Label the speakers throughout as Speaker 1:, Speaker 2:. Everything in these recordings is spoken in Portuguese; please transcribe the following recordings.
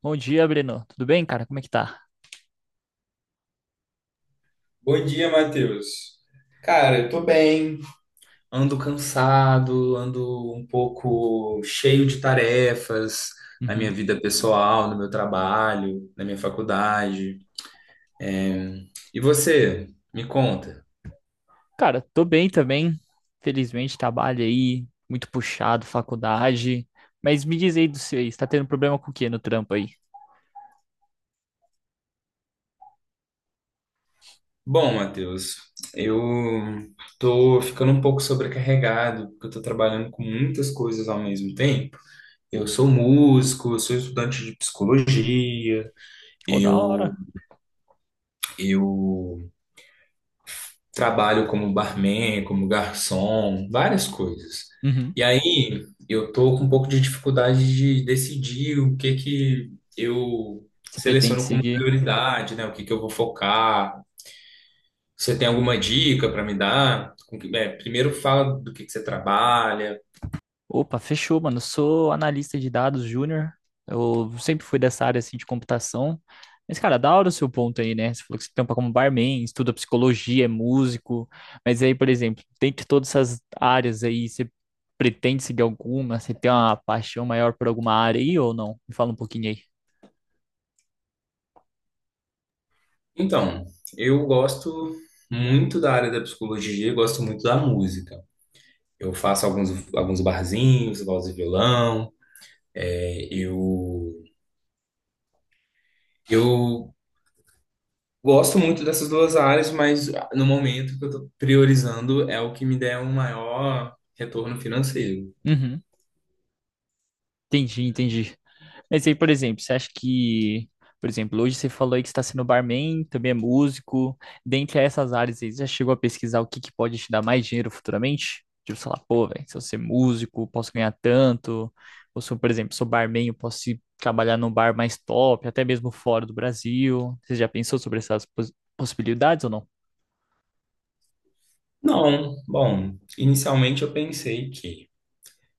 Speaker 1: Bom dia, Breno. Tudo bem, cara? Como é que tá?
Speaker 2: Bom dia, Matheus. Cara, eu tô bem. Ando cansado, ando um pouco cheio de tarefas na
Speaker 1: Uhum.
Speaker 2: minha vida pessoal, no meu trabalho, na minha faculdade. E você, me conta.
Speaker 1: Cara, tô bem também. Felizmente, trabalho aí, muito puxado, faculdade. Mas me diz aí do seu aí, você tá tendo problema com o quê no trampo aí?
Speaker 2: Bom, Matheus, eu tô ficando um pouco sobrecarregado, porque eu tô trabalhando com muitas coisas ao mesmo tempo. Eu sou músico, eu sou estudante de psicologia,
Speaker 1: Ô, da
Speaker 2: eu
Speaker 1: hora.
Speaker 2: eu trabalho como barman, como garçom, várias coisas.
Speaker 1: Uhum.
Speaker 2: E aí eu tô com um pouco de dificuldade de decidir o que que eu
Speaker 1: Você pretende
Speaker 2: seleciono como
Speaker 1: seguir?
Speaker 2: prioridade, né? O que que eu vou focar. Você tem alguma dica para me dar? É, primeiro fala do que você trabalha.
Speaker 1: Opa, fechou, mano. Eu sou analista de dados júnior. Eu sempre fui dessa área assim de computação. Mas, cara, da hora o seu ponto aí, né? Você falou que você tampa como barman, estuda psicologia, é músico. Mas aí, por exemplo, dentre todas essas áreas aí, você pretende seguir alguma? Você tem uma paixão maior por alguma área aí ou não? Me fala um pouquinho aí.
Speaker 2: Então, eu gosto muito da área da psicologia, eu gosto muito da música. Eu faço alguns, Alguns barzinhos, voz e violão. é, eu eu gosto muito dessas duas áreas, mas no momento o que eu estou priorizando é o que me der um maior retorno financeiro.
Speaker 1: Uhum. Entendi, entendi. Mas aí, por exemplo, você acha que, por exemplo, hoje você falou aí que você está sendo barman, também é músico. Dentre essas áreas aí, você já chegou a pesquisar o que que pode te dar mais dinheiro futuramente? Tipo, sei lá, pô, velho, se eu ser músico, posso ganhar tanto. Ou se eu, por exemplo, sou barman, eu posso ir trabalhar num bar mais top, até mesmo fora do Brasil. Você já pensou sobre essas possibilidades ou não?
Speaker 2: Não, bom, inicialmente eu pensei que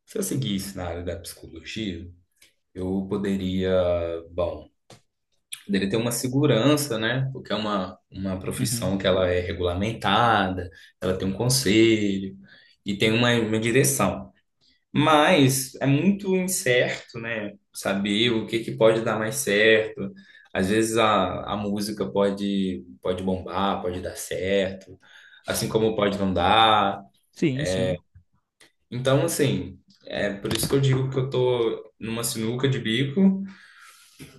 Speaker 2: se eu seguisse na área da psicologia, eu bom, poderia ter uma segurança, né? Porque é uma
Speaker 1: Uhum.
Speaker 2: profissão que ela é regulamentada, ela tem um conselho e tem uma direção. Mas é muito incerto, né? Saber o que que pode dar mais certo. Às vezes a música pode bombar, pode dar certo, assim como pode não dar.
Speaker 1: Sim, sim.
Speaker 2: Então, assim, é por isso que eu digo que eu tô numa sinuca de bico,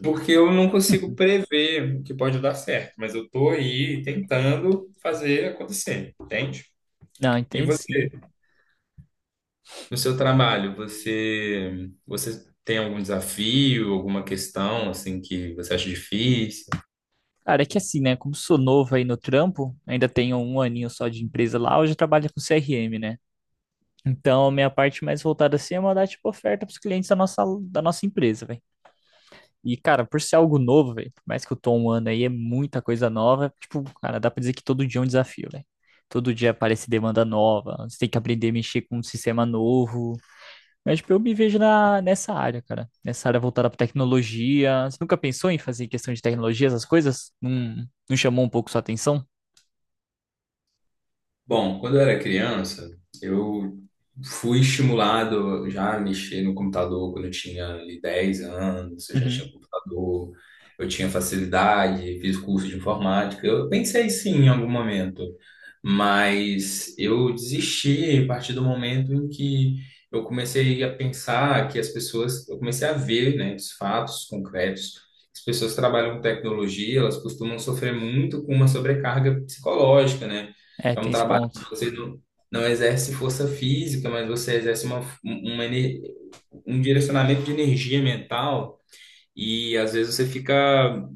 Speaker 2: porque eu não consigo prever o que pode dar certo, mas eu tô aí tentando fazer acontecer, entende?
Speaker 1: Não,
Speaker 2: E
Speaker 1: entendo
Speaker 2: você?
Speaker 1: sim.
Speaker 2: No seu trabalho, você tem algum desafio, alguma questão assim que você acha difícil?
Speaker 1: Cara, é que assim, né? Como sou novo aí no trampo, ainda tenho um aninho só de empresa lá, hoje eu trabalho com CRM, né? Então, minha parte mais voltada assim é mandar tipo oferta pros clientes da nossa empresa, velho. E, cara, por ser algo novo, velho, por mais que eu tô um ano aí, é muita coisa nova. Tipo, cara, dá pra dizer que todo dia é um desafio, velho. Todo dia aparece demanda nova, você tem que aprender a mexer com um sistema novo. Mas, tipo, eu me vejo nessa área, cara. Nessa área voltada pra tecnologia. Você nunca pensou em fazer questão de tecnologia, essas coisas? Não, não chamou um pouco sua atenção?
Speaker 2: Bom, quando eu era criança, eu fui estimulado já a mexer no computador quando eu tinha ali 10 anos, eu já
Speaker 1: Uhum.
Speaker 2: tinha computador, eu tinha facilidade, fiz curso de informática. Eu pensei sim em algum momento, mas eu desisti a partir do momento em que eu comecei a pensar que as pessoas, eu comecei a ver, né, os fatos concretos. As pessoas que trabalham com tecnologia, elas costumam sofrer muito com uma sobrecarga psicológica, né?
Speaker 1: É,
Speaker 2: É um
Speaker 1: tem esse
Speaker 2: trabalho que
Speaker 1: ponto.
Speaker 2: você não, não exerce força física, mas você exerce um um direcionamento de energia mental e às vezes você fica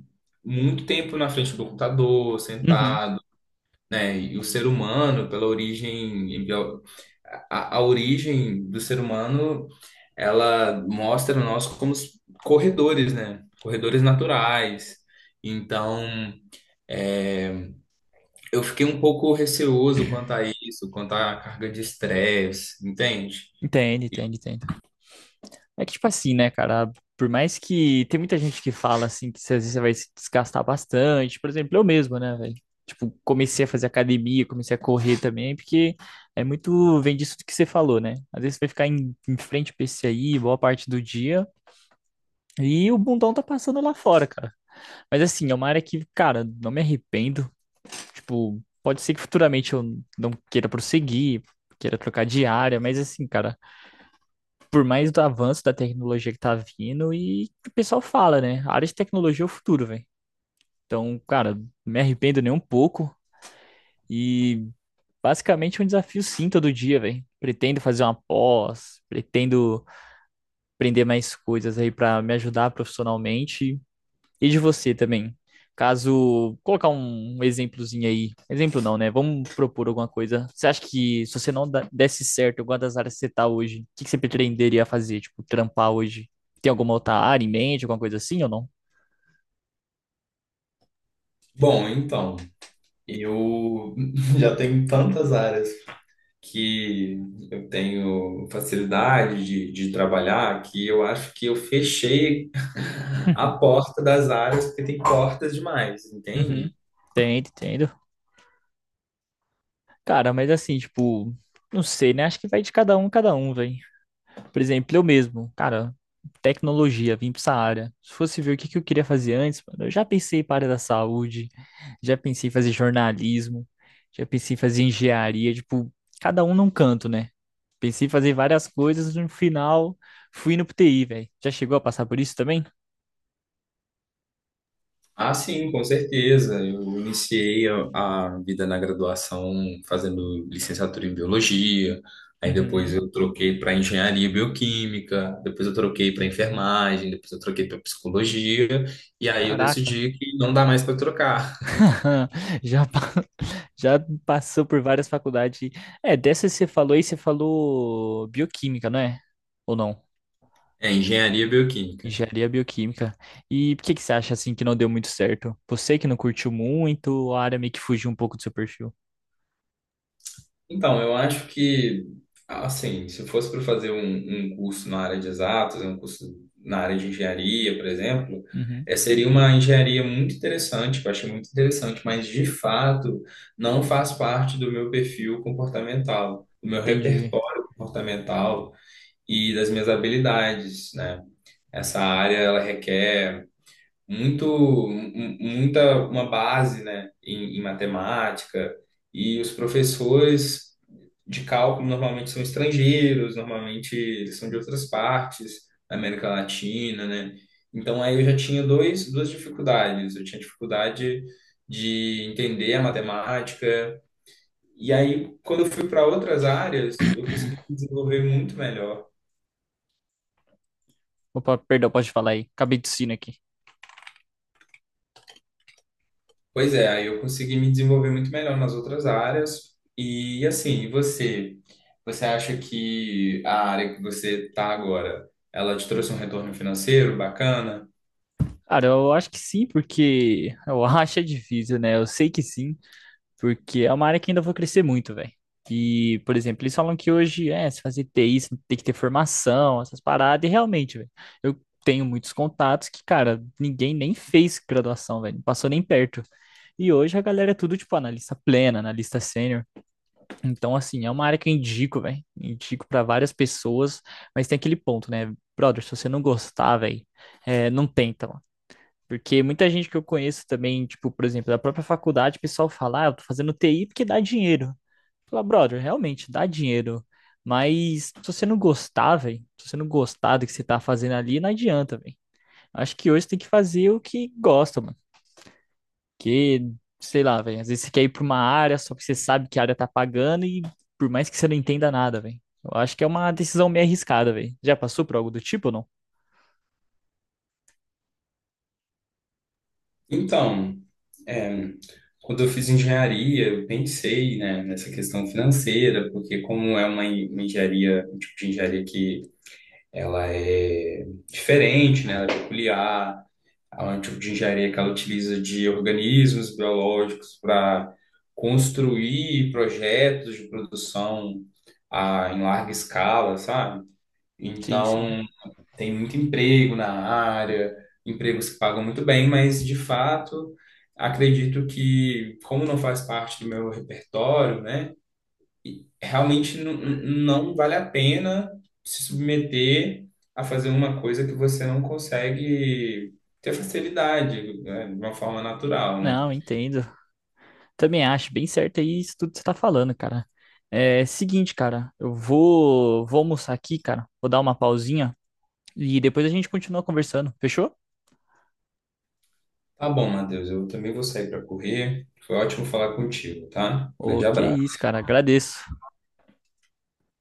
Speaker 2: muito tempo na frente do computador,
Speaker 1: Uhum.
Speaker 2: sentado, né? E o ser humano, pela origem, a origem do ser humano, ela mostra nós como corredores, né? Corredores naturais. Então, é, eu fiquei um pouco receoso quanto a isso, quanto à carga de estresse, entende?
Speaker 1: Entende,
Speaker 2: E-
Speaker 1: entende, entende. É que, tipo assim, né, cara? Por mais que tem muita gente que fala assim que às vezes você vai se desgastar bastante. Por exemplo, eu mesmo, né, velho? Tipo, comecei a fazer academia, comecei a correr também, porque é muito, vem disso que você falou, né? Às vezes você vai ficar em frente ao PC aí boa parte do dia e o bundão tá passando lá fora, cara. Mas assim, é uma área que, cara, não me arrependo. Tipo, pode ser que futuramente eu não queira prosseguir, queira trocar de área, mas assim, cara, por mais do avanço da tecnologia que tá vindo e que o pessoal fala, né? A área de tecnologia é o futuro, velho. Então, cara, me arrependo nem um pouco e basicamente é um desafio sim todo dia, velho. Pretendo fazer uma pós, pretendo aprender mais coisas aí pra me ajudar profissionalmente e de você também. Caso colocar um exemplozinho aí, exemplo não, né? Vamos propor alguma coisa. Você acha que se você não da- desse certo em alguma das áreas que você tá hoje, o que que você pretenderia fazer? Tipo, trampar hoje? Tem alguma outra área em mente, alguma coisa assim ou não?
Speaker 2: Bom, então, eu já tenho tantas áreas que eu tenho facilidade de trabalhar que eu acho que eu fechei a porta das áreas, porque tem portas demais, entende?
Speaker 1: Uhum. Entendo, entendo. Cara, mas assim, tipo, não sei, né? Acho que vai de cada um, velho. Por exemplo, eu mesmo, cara, tecnologia, vim para essa área. Se fosse ver o que que eu queria fazer antes, mano, eu já pensei para a área da saúde, já pensei em fazer jornalismo, já pensei em fazer engenharia, tipo, cada um num canto, né? Pensei em fazer várias coisas, no final fui no TI, velho. Já chegou a passar por isso também?
Speaker 2: Ah, sim, com certeza. Eu iniciei a vida na graduação fazendo licenciatura em biologia, aí depois
Speaker 1: Uhum.
Speaker 2: eu troquei para engenharia bioquímica, depois eu troquei para enfermagem, depois eu troquei para psicologia, e aí eu
Speaker 1: Caraca,
Speaker 2: decidi que não dá mais para trocar.
Speaker 1: já, pa- já passou por várias faculdades. É, dessa que você falou aí, você falou bioquímica, não é? Ou não?
Speaker 2: É engenharia bioquímica.
Speaker 1: Engenharia bioquímica. E por que que você acha assim que não deu muito certo? Você que não curtiu muito, a área meio que fugiu um pouco do seu perfil.
Speaker 2: Então, eu acho que, assim, se fosse para fazer um curso na área de exatas, um curso na área de engenharia, por exemplo,
Speaker 1: Uhum,
Speaker 2: seria uma engenharia muito interessante, que eu achei muito interessante, mas de fato não faz parte do meu perfil comportamental, do meu
Speaker 1: entendi.
Speaker 2: repertório comportamental e das minhas habilidades, né? Essa área, ela requer muita uma base, né, em matemática e os professores de cálculo normalmente são estrangeiros, normalmente eles são de outras partes da América Latina, né? Então aí eu já tinha duas dificuldades. Eu tinha dificuldade de entender a matemática e aí quando eu fui para outras áreas eu consegui me desenvolver muito melhor.
Speaker 1: Opa, perdão, pode falar aí. Acabei tossindo aqui.
Speaker 2: Pois é, aí eu consegui me desenvolver muito melhor nas outras áreas. E assim, você acha que a área que você está agora, ela te trouxe um retorno financeiro bacana?
Speaker 1: Cara, eu acho que sim, porque eu acho é difícil, né? Eu sei que sim, porque é uma área que ainda vou crescer muito, velho. E, por exemplo, eles falam que hoje, é, se fazer TI, você tem que ter formação, essas paradas, e realmente, velho, eu tenho muitos contatos que, cara, ninguém nem fez graduação, velho, não passou nem perto. E hoje a galera é tudo, tipo, analista plena, analista sênior. Então, assim, é uma área que eu indico, velho, indico pra várias pessoas, mas tem aquele ponto, né? Brother, se você não gostar, velho, é, não tenta, porque muita gente que eu conheço também, tipo, por exemplo, da própria faculdade, o pessoal fala, ah, eu tô fazendo TI porque dá dinheiro. Fala, brother, realmente dá dinheiro. Mas se você não gostar, velho, se você não gostar do que você tá fazendo ali, não adianta, velho. Acho que hoje você tem que fazer o que gosta, mano. Que, sei lá, velho, às vezes você quer ir pra uma área só porque você sabe que a área tá pagando e por mais que você não entenda nada, velho. Eu acho que é uma decisão meio arriscada, velho. Já passou por algo do tipo ou não?
Speaker 2: Então, é, quando eu fiz engenharia, eu pensei, né, nessa questão financeira, porque como é uma engenharia, um tipo de engenharia que ela é diferente, né, ela é peculiar. É um tipo de engenharia que ela utiliza de organismos biológicos para construir projetos de produção em larga escala, sabe?
Speaker 1: Sim, sim.
Speaker 2: Então, tem muito emprego na área, empregos que pagam muito bem, mas de fato, acredito que, como não faz parte do meu repertório, né? E realmente não vale a pena se submeter a fazer uma coisa que você não consegue ter facilidade, né, de uma forma natural, né?
Speaker 1: Não, entendo. Também acho bem certo aí isso tudo que você tá falando, cara. É seguinte, cara, eu vou, vou almoçar aqui, cara. Vou dar uma pausinha e depois a gente continua conversando. Fechou?
Speaker 2: Tá bom, Matheus, eu também vou sair para correr. Foi ótimo falar contigo, tá? Grande
Speaker 1: Ô, que
Speaker 2: abraço.
Speaker 1: isso, cara. Agradeço.